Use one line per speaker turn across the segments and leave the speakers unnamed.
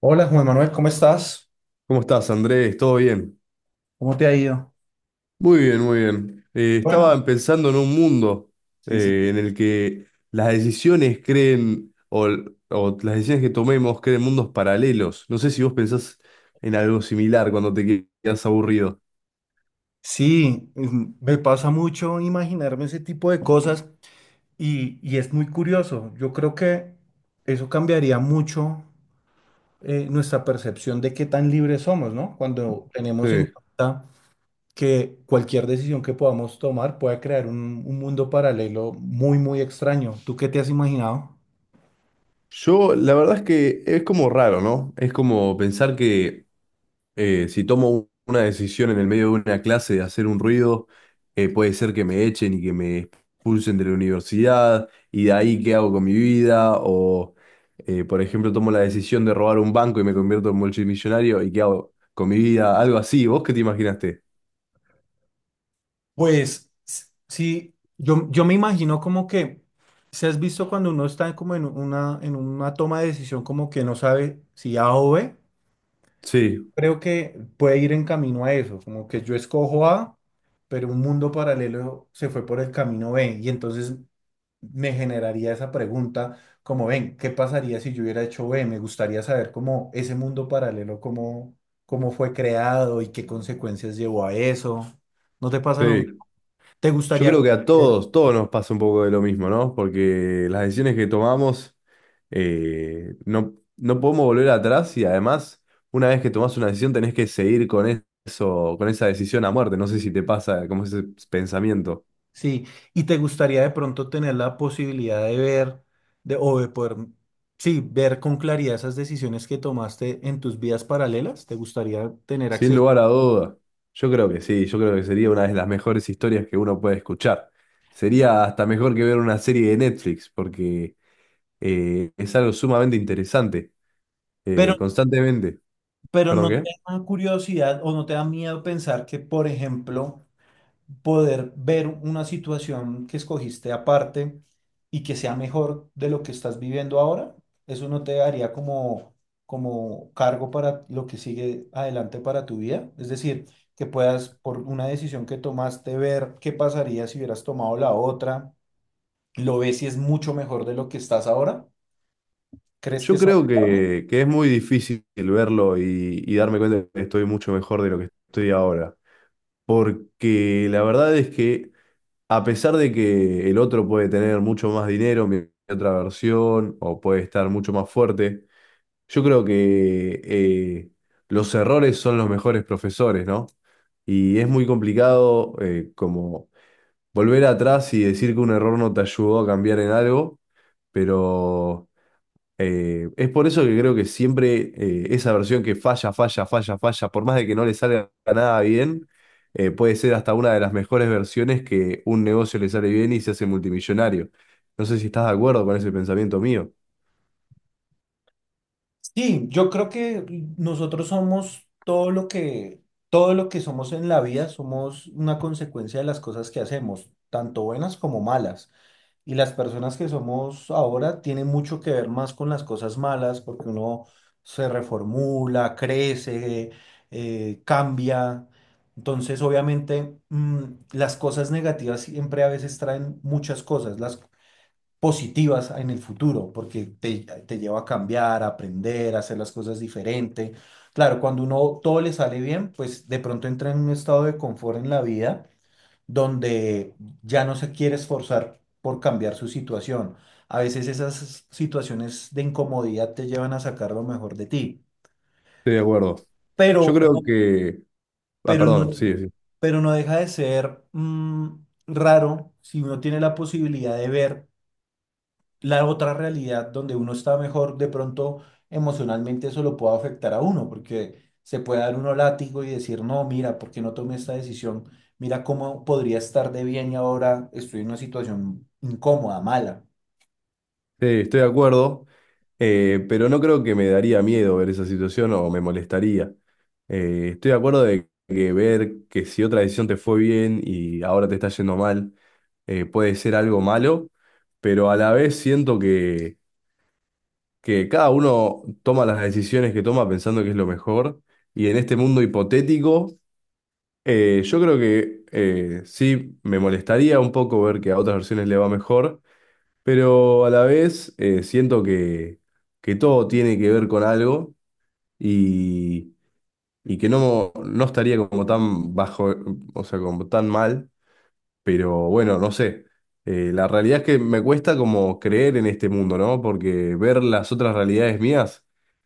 Hola Juan Manuel, ¿cómo estás?
¿Cómo estás, Andrés? ¿Todo bien?
¿Cómo te ha ido?
Muy bien, muy bien.
Bueno,
Estaba pensando en un mundo
sí, sí,
en
sí.
el que las decisiones creen, o las decisiones que tomemos creen mundos paralelos. No sé si vos pensás en algo similar cuando te quedas aburrido.
Sí, me pasa mucho imaginarme ese tipo de cosas y es muy curioso. Yo creo que eso cambiaría mucho, nuestra percepción de qué tan libres somos, ¿no? Cuando tenemos en
Sí.
cuenta que cualquier decisión que podamos tomar puede crear un mundo paralelo muy, muy extraño. ¿Tú qué te has imaginado?
Yo, la verdad es que es como raro, ¿no? Es como pensar que si tomo una decisión en el medio de una clase de hacer un ruido, puede ser que me echen y que me expulsen de la universidad, y de ahí qué hago con mi vida, o por ejemplo tomo la decisión de robar un banco y me convierto en multimillonario, y qué hago con mi vida, algo así, ¿vos qué te imaginaste?
Pues sí, yo me imagino como que, si has visto cuando uno está como en en una toma de decisión, como que no sabe si A o B,
Sí,
creo que puede ir en camino a eso, como que yo escojo A, pero un mundo paralelo se fue por el camino B. Y entonces me generaría esa pregunta como, ven, ¿qué pasaría si yo hubiera hecho B? Me gustaría saber cómo ese mundo paralelo, cómo, cómo fue creado y qué consecuencias llevó a eso. ¿No te pasa lo mismo?
sí.
¿Te
Yo
gustaría
creo que a
conocer?
todos, todos nos pasa un poco de lo mismo, ¿no? Porque las decisiones que tomamos no, no podemos volver atrás y además, una vez que tomás una decisión, tenés que seguir con eso, con esa decisión a muerte. No sé si te pasa como ese pensamiento.
Sí, y te gustaría de pronto tener la posibilidad de ver, de, o de poder, sí, ver con claridad esas decisiones que tomaste en tus vidas paralelas. ¿Te gustaría tener
Sin
acceso?
lugar a duda, yo creo que sí, yo creo que sería una de las mejores historias que uno puede escuchar. Sería hasta mejor que ver una serie de Netflix, porque es algo sumamente interesante,
Pero,
constantemente.
pero
¿Perdón
no
qué?
te da curiosidad o no te da miedo pensar que, por ejemplo, poder ver una situación que escogiste aparte y que sea mejor de lo que estás viviendo ahora, eso no te daría como, como cargo para lo que sigue adelante para tu vida. Es decir, que puedas, por una decisión que tomaste, ver qué pasaría si hubieras tomado la otra, lo ves y es mucho mejor de lo que estás ahora. ¿Crees que
Yo
es
creo
saludable?
que es muy difícil verlo y darme cuenta que estoy mucho mejor de lo que estoy ahora. Porque la verdad es que a pesar de que el otro puede tener mucho más dinero, mi otra versión, o puede estar mucho más fuerte, yo creo que los errores son los mejores profesores, ¿no? Y es muy complicado como volver atrás y decir que un error no te ayudó a cambiar en algo, pero... es por eso que creo que siempre esa versión que falla, falla, falla, falla, por más de que no le salga nada bien, puede ser hasta una de las mejores versiones que un negocio le sale bien y se hace multimillonario. No sé si estás de acuerdo con ese pensamiento mío.
Sí, yo creo que nosotros somos todo lo todo lo que somos en la vida, somos una consecuencia de las cosas que hacemos, tanto buenas como malas. Y las personas que somos ahora tienen mucho que ver más con las cosas malas, porque uno se reformula, crece, cambia. Entonces, obviamente, las cosas negativas siempre a veces traen muchas cosas. Las positivas en el futuro, porque te lleva a cambiar, a aprender, a hacer las cosas diferente. Claro, cuando uno todo le sale bien, pues de pronto entra en un estado de confort en la vida donde ya no se quiere esforzar por cambiar su situación. A veces esas situaciones de incomodidad te llevan a sacar lo mejor de ti,
Estoy de acuerdo. Yo
pero,
creo
no,
que... Ah,
pero
perdón, sí.
no, pero no deja de ser raro. Si uno tiene la posibilidad de ver la otra realidad donde uno está mejor, de pronto emocionalmente eso lo puede afectar a uno, porque se puede dar uno látigo y decir, no, mira, ¿por qué no tomé esta decisión? Mira cómo podría estar de bien y ahora estoy en una situación incómoda, mala.
Sí, estoy de acuerdo, pero no creo que me daría miedo ver esa situación o me molestaría. Estoy de acuerdo de que ver que si otra decisión te fue bien y ahora te está yendo mal, puede ser algo malo, pero a la vez siento que cada uno toma las decisiones que toma pensando que es lo mejor y en este mundo hipotético, yo creo que sí me molestaría un poco ver que a otras versiones le va mejor. Pero a la vez siento que todo tiene que ver con algo y, y que no, no estaría como tan bajo, o sea, como tan mal, pero bueno, no sé. La realidad es que me cuesta como creer en este mundo, ¿no? Porque ver las otras realidades mías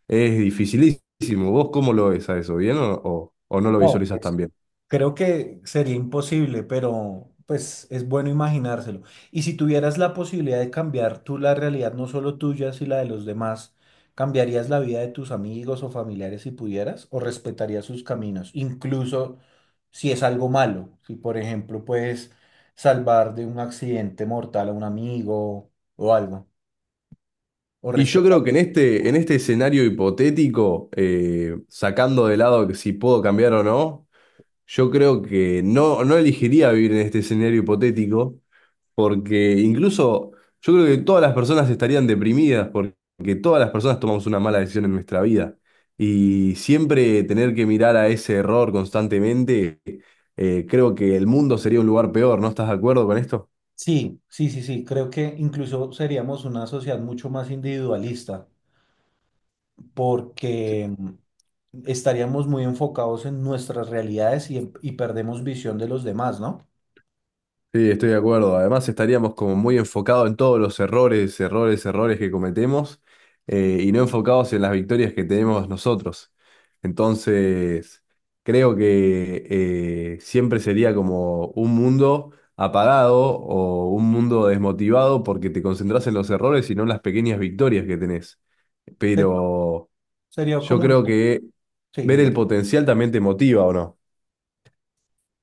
es dificilísimo. ¿Vos cómo lo ves a eso? ¿Bien o no lo
No,
visualizas tan bien?
creo que sería imposible, pero pues es bueno imaginárselo. Y si tuvieras la posibilidad de cambiar tú la realidad, no solo tuya, sino la de los demás, ¿cambiarías la vida de tus amigos o familiares si pudieras? ¿O respetarías sus caminos? Incluso si es algo malo, si por ejemplo puedes salvar de un accidente mortal a un amigo o algo, o
Y yo
respetar.
creo que en este escenario hipotético, sacando de lado que si puedo cambiar o no. Yo creo que no, no elegiría vivir en este escenario hipotético, porque incluso yo creo que todas las personas estarían deprimidas, porque todas las personas tomamos una mala decisión en nuestra vida. Y siempre tener que mirar a ese error constantemente, creo que el mundo sería un lugar peor. ¿No estás de acuerdo con esto?
Sí, sí, sí, sí, creo que incluso seríamos una sociedad mucho más individualista, porque estaríamos muy enfocados en nuestras realidades y perdemos visión de los demás, ¿no?
Sí, estoy de acuerdo. Además, estaríamos como muy enfocados en todos los errores, errores, errores que cometemos y no enfocados en las victorias que tenemos nosotros. Entonces, creo que siempre sería como un mundo apagado o un mundo desmotivado porque te concentras en los errores y no en las pequeñas victorias que tenés.
Sería,
Pero
sería
yo
como una...
creo que
Sí,
ver el
dime.
potencial también te motiva, ¿o no?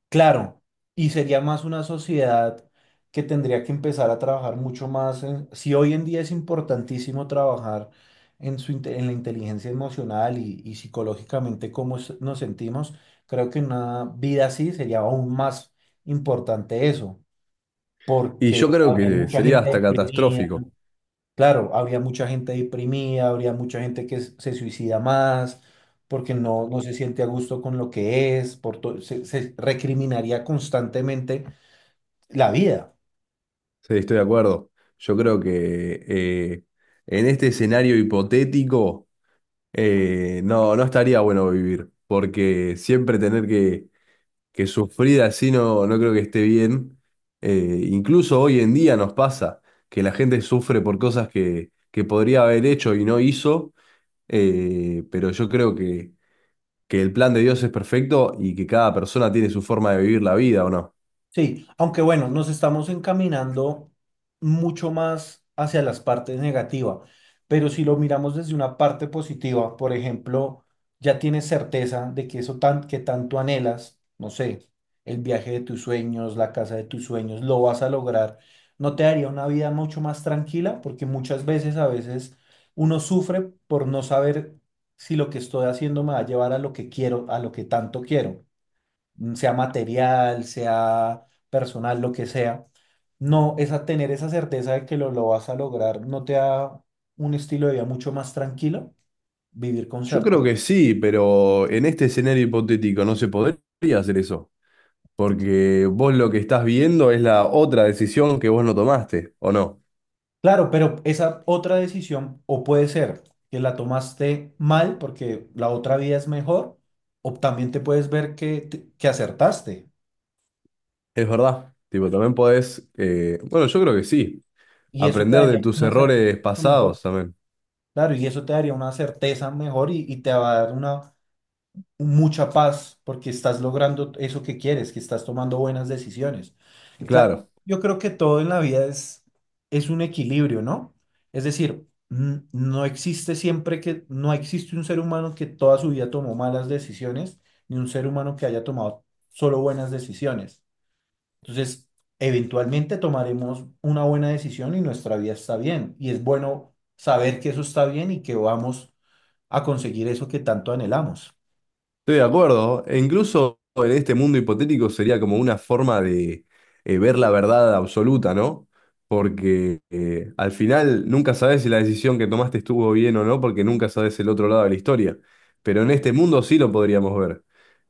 Claro, y sería más una sociedad que tendría que empezar a trabajar mucho más en... Si hoy en día es importantísimo trabajar en la inteligencia emocional y psicológicamente cómo nos sentimos, creo que en una vida así sería aún más importante eso,
Y
porque
yo creo
había
que
mucha
sería
gente
hasta
deprimida.
catastrófico.
Claro, habría mucha gente deprimida, habría mucha gente que se suicida más, porque no, no se siente a gusto con lo que es, por se recriminaría constantemente la vida.
Sí, estoy de acuerdo. Yo creo que en este escenario hipotético no, no estaría bueno vivir, porque siempre tener que sufrir así no, no creo que esté bien. Incluso hoy en día nos pasa que la gente sufre por cosas que podría haber hecho y no hizo, pero yo creo que el plan de Dios es perfecto y que cada persona tiene su forma de vivir la vida, ¿o no?
Sí, aunque bueno, nos estamos encaminando mucho más hacia las partes negativas, pero si lo miramos desde una parte positiva, por ejemplo, ya tienes certeza de que eso tan, que tanto anhelas, no sé, el viaje de tus sueños, la casa de tus sueños, lo vas a lograr, ¿no te daría una vida mucho más tranquila? Porque muchas veces, a veces, uno sufre por no saber si lo que estoy haciendo me va a llevar a lo que quiero, a lo que tanto quiero, sea material, sea personal, lo que sea, no, esa, tener esa certeza de que lo vas a lograr no te da un estilo de vida mucho más tranquilo, vivir con
Yo creo
certeza.
que sí, pero en este escenario hipotético no se podría hacer eso, porque vos lo que estás viendo es la otra decisión que vos no tomaste, ¿o no?
Claro, pero esa otra decisión, o puede ser que la tomaste mal porque la otra vida es mejor, o también te puedes ver que, que acertaste
Es verdad. Tipo, también podés, bueno, yo creo que sí,
y eso te
aprender de
daría
tus
una certeza
errores
mucho mejor.
pasados también.
Claro, y eso te daría una certeza mejor y te va a dar una mucha paz porque estás logrando eso que quieres, que estás tomando buenas decisiones. Cla-
Claro.
yo creo que todo en la vida es un equilibrio, ¿no? Es decir, no existe siempre que, no existe un ser humano que toda su vida tomó malas decisiones, ni un ser humano que haya tomado solo buenas decisiones. Entonces, eventualmente tomaremos una buena decisión y nuestra vida está bien. Y es bueno saber que eso está bien y que vamos a conseguir eso que tanto anhelamos.
Estoy de acuerdo. E incluso en este mundo hipotético sería como una forma de ver la verdad absoluta, ¿no? Porque al final nunca sabes si la decisión que tomaste estuvo bien o no, porque nunca sabes el otro lado de la historia. Pero en este mundo sí lo podríamos ver.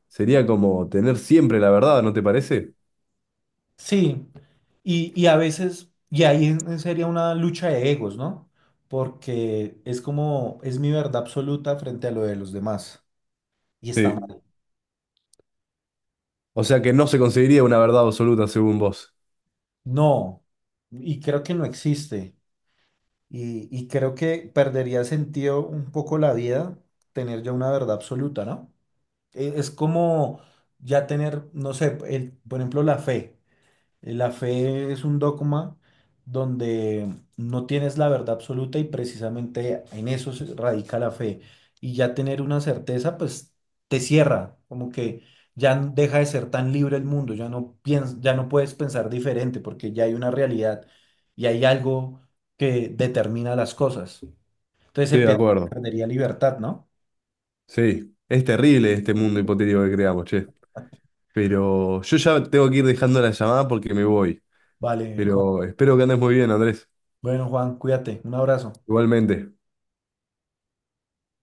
Sería como tener siempre la verdad, ¿no te parece?
Sí, y a veces, sería una lucha de egos, ¿no? Porque es como, es mi verdad absoluta frente a lo de los demás, y está
Sí.
mal.
O sea que no se conseguiría una verdad absoluta según vos.
No, y creo que no existe, y creo que perdería sentido un poco la vida tener ya una verdad absoluta, ¿no? Es como ya tener, no sé, el, por ejemplo, la fe. La fe es un dogma donde no tienes la verdad absoluta y precisamente en eso se radica la fe. Y ya tener una certeza, pues te cierra, como que ya deja de ser tan libre el mundo, ya ya no puedes pensar diferente porque ya hay una realidad y hay algo que determina las cosas. Entonces se
Estoy de
pier-
acuerdo.
Perdería libertad, ¿no?
Sí. Es terrible este mundo hipotético que creamos, che. Pero yo ya tengo que ir dejando la llamada porque me voy.
Vale,
Pero
Juan.
espero que andes muy bien, Andrés.
Bueno, Juan, cuídate. Un abrazo.
Igualmente.